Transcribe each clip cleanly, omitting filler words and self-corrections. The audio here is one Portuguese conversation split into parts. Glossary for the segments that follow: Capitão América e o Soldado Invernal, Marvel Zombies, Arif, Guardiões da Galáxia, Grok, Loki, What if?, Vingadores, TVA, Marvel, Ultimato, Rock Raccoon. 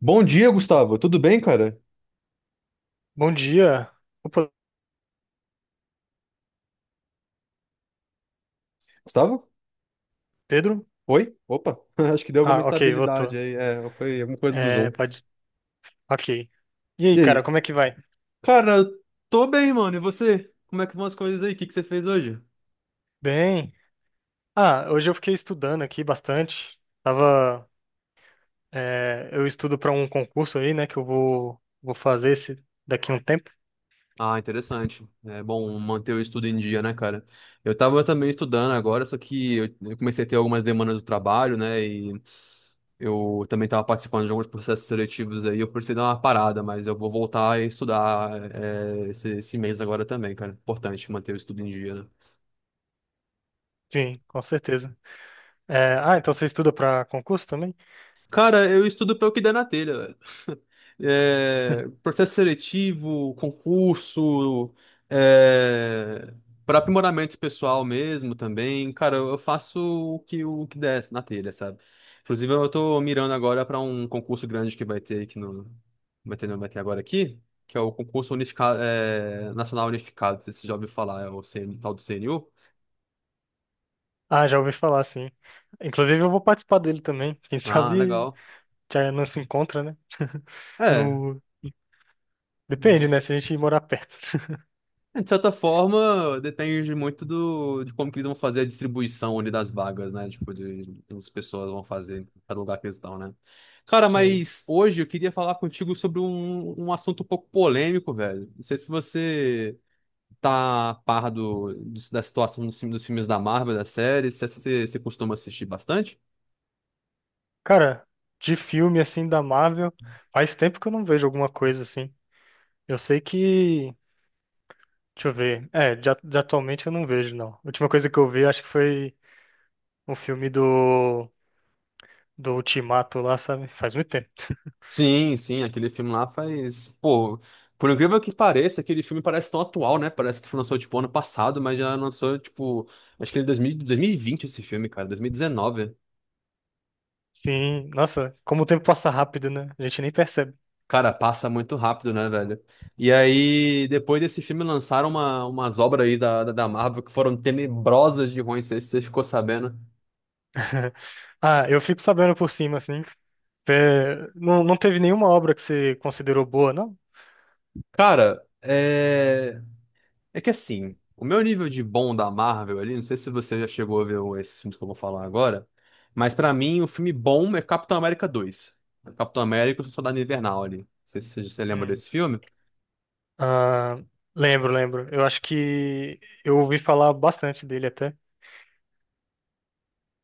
Bom dia, Gustavo. Tudo bem, cara? Bom dia. Opa, Gustavo? Pedro? Oi? Opa, acho que deu alguma Ah, ok, instabilidade voltou. aí. É, foi alguma coisa do É, Zoom. pode. Ok. E aí, E cara, aí? como é que vai? Cara, eu tô bem, mano. E você? Como é que vão as coisas aí? O que que você fez hoje? Bem. Ah, hoje eu fiquei estudando aqui bastante. Eu estudo para um concurso aí, né, que eu vou fazer esse daqui a um tempo. Ah, interessante. É bom manter o estudo em dia, né, cara? Eu tava também estudando agora, só que eu comecei a ter algumas demandas do trabalho, né? E eu também estava participando de alguns processos seletivos aí. Eu precisei dar uma parada, mas eu vou voltar a estudar é, esse mês agora também, cara. Importante manter o estudo em dia, né? Sim, com certeza. Então você estuda para concurso também? Cara, eu estudo pelo que der na telha, velho. É, processo seletivo, concurso, é, para aprimoramento pessoal mesmo também. Cara, eu faço o que der na telha, sabe? Inclusive, eu tô mirando agora para um concurso grande que vai ter aqui no. Vai ter, não, vai ter agora aqui, que é o concurso unificado, é, nacional unificado. Não sei se você já ouviu falar, é o CN, tal do CNU. Ah, já ouvi falar, sim. Inclusive, eu vou participar dele também. Quem Ah, sabe legal. já não se encontra, né? É. No... Depende, né? Se a gente morar perto. É, de certa forma, depende muito de como que eles vão fazer a distribuição ali das vagas, né? Tipo, de como as pessoas vão fazer em cada lugar que eles estão, né? Cara, Sim. mas hoje eu queria falar contigo sobre um assunto um pouco polêmico, velho. Não sei se você tá a par da situação dos filmes da Marvel, das séries, se você costuma assistir bastante. Cara, de filme assim da Marvel, faz tempo que eu não vejo alguma coisa assim. Eu sei que. Deixa eu ver. É, de, a- de atualmente eu não vejo, não. A última coisa que eu vi, acho que foi um filme do Ultimato lá, sabe? Faz muito tempo. Sim, sim, aquele filme lá faz. Pô, por incrível que pareça, aquele filme parece tão atual, né? Parece que foi lançou, tipo, ano passado, mas já lançou, tipo. Acho que ele é 2020 esse filme, cara, 2019. Sim, nossa, como o tempo passa rápido, né? A gente nem percebe. Cara, passa muito rápido, né, velho? E aí, depois desse filme, lançaram umas obras aí da Marvel que foram tenebrosas de ruins, não sei se você ficou sabendo. Ah, eu fico sabendo por cima, assim. É, não teve nenhuma obra que você considerou boa, não? Cara, é. É que assim, o meu nível de bom da Marvel ali, não sei se você já chegou a ver o- esses filmes que eu vou falar agora, mas pra mim o filme bom é Capitão América 2. Capitão América e o Soldado Invernal ali. Não sei se você lembra Hum. desse filme. Ah, lembro, lembro. Eu acho que eu ouvi falar bastante dele até.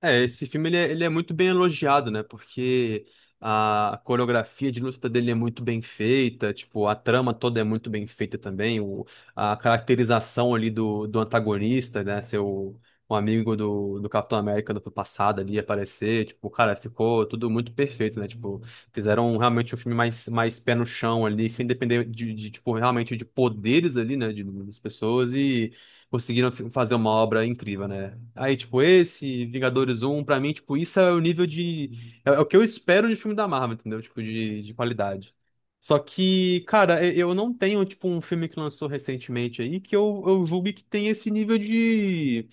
É, esse filme ele é muito bem elogiado, né? Porque a coreografia de luta dele é muito bem feita, tipo, a trama toda é muito bem feita também, o, a caracterização ali do antagonista, né? Seu um amigo do Capitão América do passado ali aparecer, tipo, cara, ficou tudo muito perfeito, né? Tipo, fizeram realmente um filme mais pé no chão ali, sem depender tipo, realmente de poderes ali, né? De, das pessoas e conseguiram fazer uma obra incrível, né? Aí, tipo, esse, Vingadores 1 pra mim, tipo, isso é o nível de. É, é o que eu espero de filme da Marvel, entendeu? Tipo, de qualidade. Só que, cara, eu não tenho, tipo, um filme que lançou recentemente aí que eu julgue que tem esse nível de,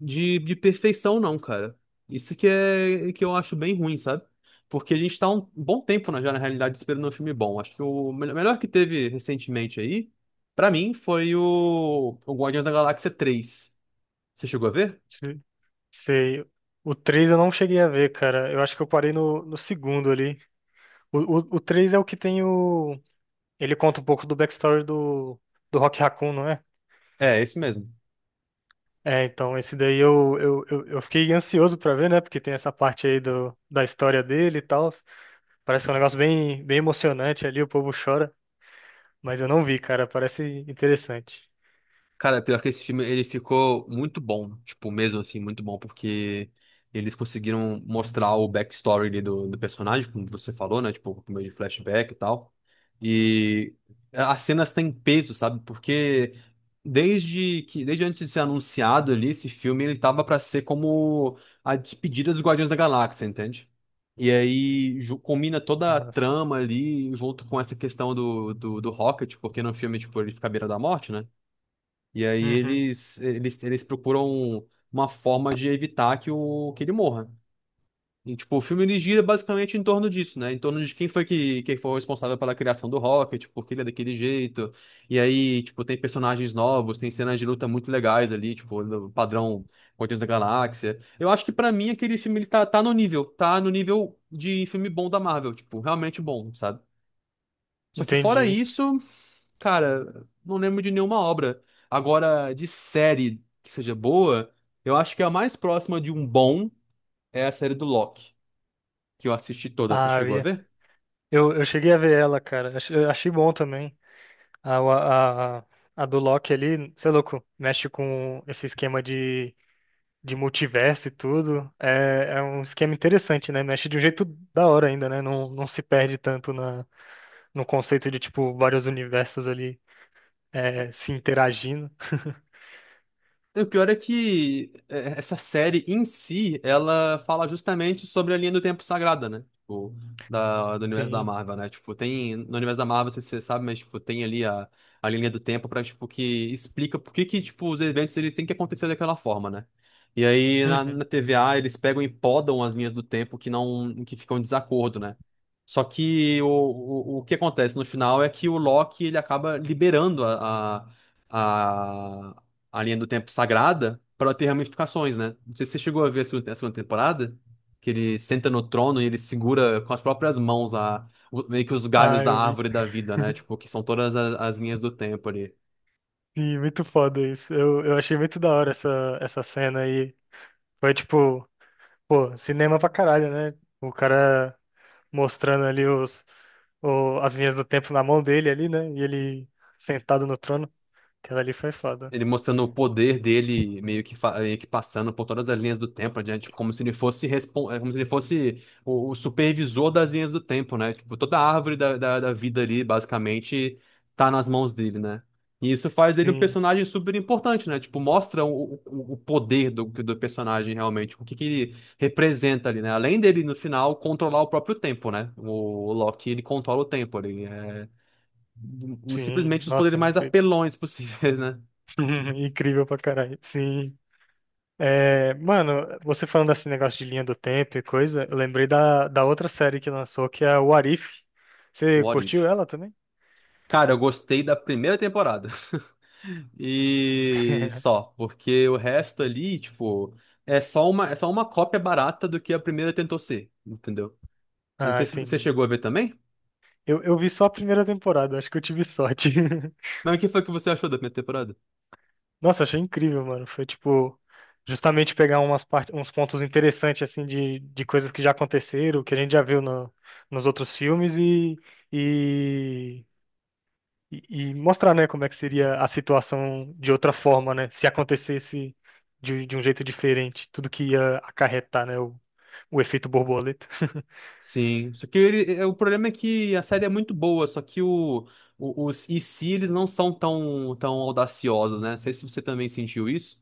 de, de perfeição, não, cara. Isso que é que eu acho bem ruim, sabe? Porque a gente tá um bom tempo já, na realidade, esperando um filme bom. Acho que o melhor que teve recentemente aí, pra mim, foi o Guardiões da Galáxia 3. Você chegou a ver? Se- Sei. O 3 eu não cheguei a ver, cara. Eu acho que eu parei no segundo ali. O 3 é o que tem o. Ele conta um pouco do backstory do Rock Raccoon, não é? É, esse mesmo. É, então, esse daí eu fiquei ansioso pra ver, né? Porque tem essa parte aí da história dele e tal. Parece que é um negócio bem, bem emocionante ali, o povo chora. Mas eu não vi, cara. Parece interessante. Cara, pior que esse filme, ele ficou muito bom, tipo, mesmo assim, muito bom, porque eles conseguiram mostrar o backstory ali do personagem, como você falou, né? Tipo, por meio de flashback e tal. E as cenas têm peso, sabe? Porque desde antes de ser anunciado ali, esse filme, ele tava pra ser como a despedida dos Guardiões da Galáxia, entende? E aí combina toda a Nossa. trama ali junto com essa questão do Rocket, porque no filme, tipo, ele fica à beira da morte, né? E aí Uhum, eles procuram uma forma de evitar que ele morra. E, tipo, o filme ele gira basicamente em torno disso, né? Em torno de quem foi que, quem foi o responsável pela criação do Rocket, tipo, porque ele é daquele jeito. E aí, tipo, tem personagens novos, tem cenas de luta muito legais ali, tipo, no padrão Guardiões da Galáxia. Eu acho que pra mim aquele filme tá no nível de filme bom da Marvel, tipo, realmente bom, sabe? Só que fora entendi. isso. Cara, não lembro de nenhuma obra. Agora, de série que seja boa, eu acho que a mais próxima de um bom é a série do Loki, que eu assisti toda. Você Ah, eu, chegou a ia- ver? Eu cheguei a ver ela, cara. Eu achei bom também. A, a, a a do Loki ali, sei louco, mexe com esse esquema de multiverso e tudo. É, é um esquema interessante, né? Mexe de um jeito da hora ainda, né? Não se perde tanto na, no conceito de, tipo, vários universos ali é, se interagindo. O pior é que é, essa série em si, ela fala justamente sobre a linha do tempo sagrada, né? Tipo, do universo da Sim. Marvel, né? Tipo, tem. No universo da Marvel, você sabe, mas tipo, tem ali a linha do tempo pra, tipo, que explica por que que, tipo, os eventos eles têm que acontecer daquela forma, né? E aí Uhum. na TVA eles pegam e podam as linhas do tempo que não, que ficam em desacordo, né? Só que o que acontece no final é que o Loki ele acaba liberando a a linha do tempo sagrada pra ela ter ramificações, né? Não sei se você chegou a ver a a segunda temporada, que ele senta no trono e ele segura com as próprias mãos meio que os galhos Ah, da eu vi. árvore da vida, né? Tipo, que são todas as linhas do tempo ali. Sim, muito foda isso. Eu achei muito da hora essa, essa cena aí. Foi tipo, pô, cinema pra caralho, né? O cara mostrando ali as linhas do tempo na mão dele ali, né? E ele sentado no trono. Aquela ali foi foda. Ele mostrando o poder dele, meio que, meio que passando por todas as linhas do tempo, né? Tipo, como se ele fosse, como se ele fosse o supervisor das linhas do tempo, né? Tipo, toda a árvore da vida ali, basicamente, tá nas mãos dele, né? E isso faz dele um Sim, personagem super importante, né? Tipo, mostra o poder do personagem realmente, que ele representa ali, né? Além dele, no final, controlar o próprio tempo, né? O Loki, ele controla o tempo ali. É, sim. simplesmente os poderes Nossa, mais incrível. apelões possíveis, né? Incrível pra caralho. Sim. É, mano, você falando desse negócio de linha do tempo e coisa, eu lembrei da outra série que lançou, que é o Arif. Você What curtiu if? ela também? Cara, eu gostei da primeira temporada. E só, porque o resto ali, tipo, é só é só uma cópia barata do que a primeira tentou ser, entendeu? Eu não Ah, sei se você entendi. chegou a ver também, Eu vi só a primeira temporada, acho que eu tive sorte. mas o que foi que você achou da primeira temporada? Nossa, achei incrível, mano. Foi tipo, justamente pegar umas parte, uns pontos interessantes, assim, de coisas que já aconteceram, que a gente já viu no, nos outros filmes e, e e mostrar, né, como é que seria a situação de outra forma, né, se acontecesse de um jeito diferente, tudo que ia acarretar, né, o efeito borboleta. Sim, só que ele, é, o problema é que a série é muito boa, só que os e se eles não são tão audaciosos, né? Não sei se você também sentiu isso.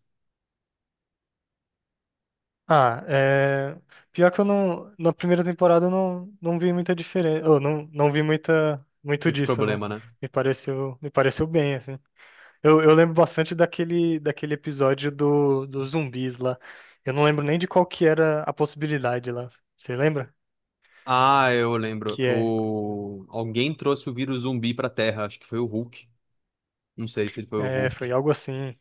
Ah, é... Pior que eu não... Na primeira temporada eu não vi muita diferença. Eu não vi muita... muito Muito disso, né? problema, né? Me pareceu bem, assim. Eu lembro bastante daquele, daquele episódio dos zumbis lá. Eu não lembro nem de qual que era a possibilidade lá. Você lembra? Ah, eu lembro. Que é... O... Alguém trouxe o vírus zumbi pra Terra, acho que foi o Hulk. Não sei se ele foi o É, Hulk. foi algo assim.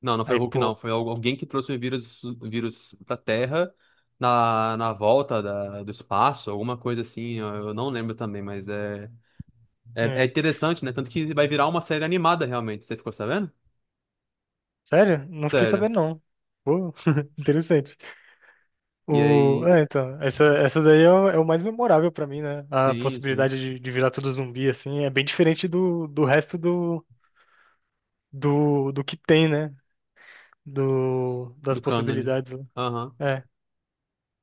Não, não foi o Aí, Hulk, não. pô... Foi alguém que trouxe o vírus pra Terra na volta do espaço, alguma coisa assim. Eu não lembro também, mas é né? interessante, né? Tanto que vai virar uma série animada, realmente. Você ficou sabendo? Sério? Não fiquei Sério. sabendo, não. Pô, interessante. E O... aí. É, então, essa daí é o, é o mais memorável pra mim, né? A Sim, sim. possibilidade de virar tudo zumbi, assim, é bem diferente do, do resto do, do, do que tem, né? Do, das Do cânone. possibilidades. Né? Aham. É,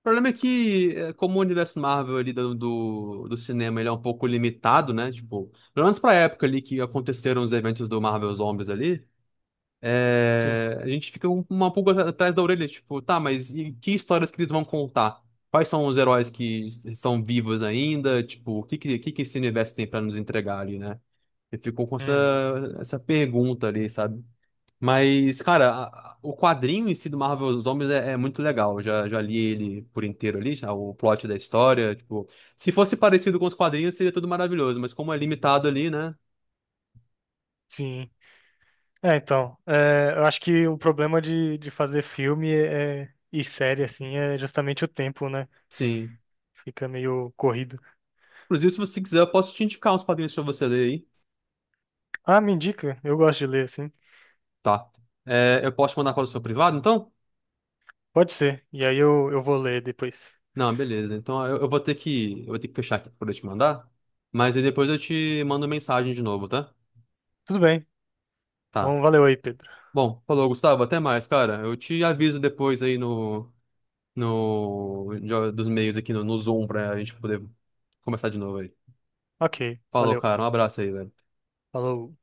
O problema é que, é, como o universo Marvel ali do cinema ele é um pouco limitado, né? Tipo, pelo menos pra época ali que aconteceram os eventos do Marvel Zombies ali. sim. É, a gente fica com uma pulga atrás da orelha, tipo, tá, mas e que histórias que eles vão contar? Quais são os heróis que são vivos ainda? Tipo, o que que esse universo tem pra nos entregar ali, né? Eu fico com essa, Uhum. essa pergunta ali, sabe? Mas, cara, o quadrinho em si do Marvel Zombies é muito legal. Já li ele por inteiro ali, já, o plot da história. Tipo, se fosse parecido com os quadrinhos, seria tudo maravilhoso, mas como é limitado ali, né? Sim. É, então, é, eu acho que o problema de fazer filme é, e série, assim, é justamente o tempo, né? Sim. Fica meio corrido. Inclusive, se você quiser, eu posso te indicar uns quadrinhos pra você ler aí. Ah, me indica, eu gosto de ler, assim. Tá. É, eu posso te mandar para o seu privado, então? Pode ser, e aí eu vou ler depois. Não, beleza. Então eu vou ter eu vou ter que fechar aqui para poder te mandar. Mas aí depois eu te mando mensagem de novo, tá? Tudo bem, Tá. então valeu aí, Pedro. Bom, falou, Gustavo. Até mais, cara. Eu te aviso depois aí no, no, de- dos meios aqui no Zoom pra gente poder começar de novo aí. Ok, Falou, valeu. cara. Um abraço aí, velho. Falou.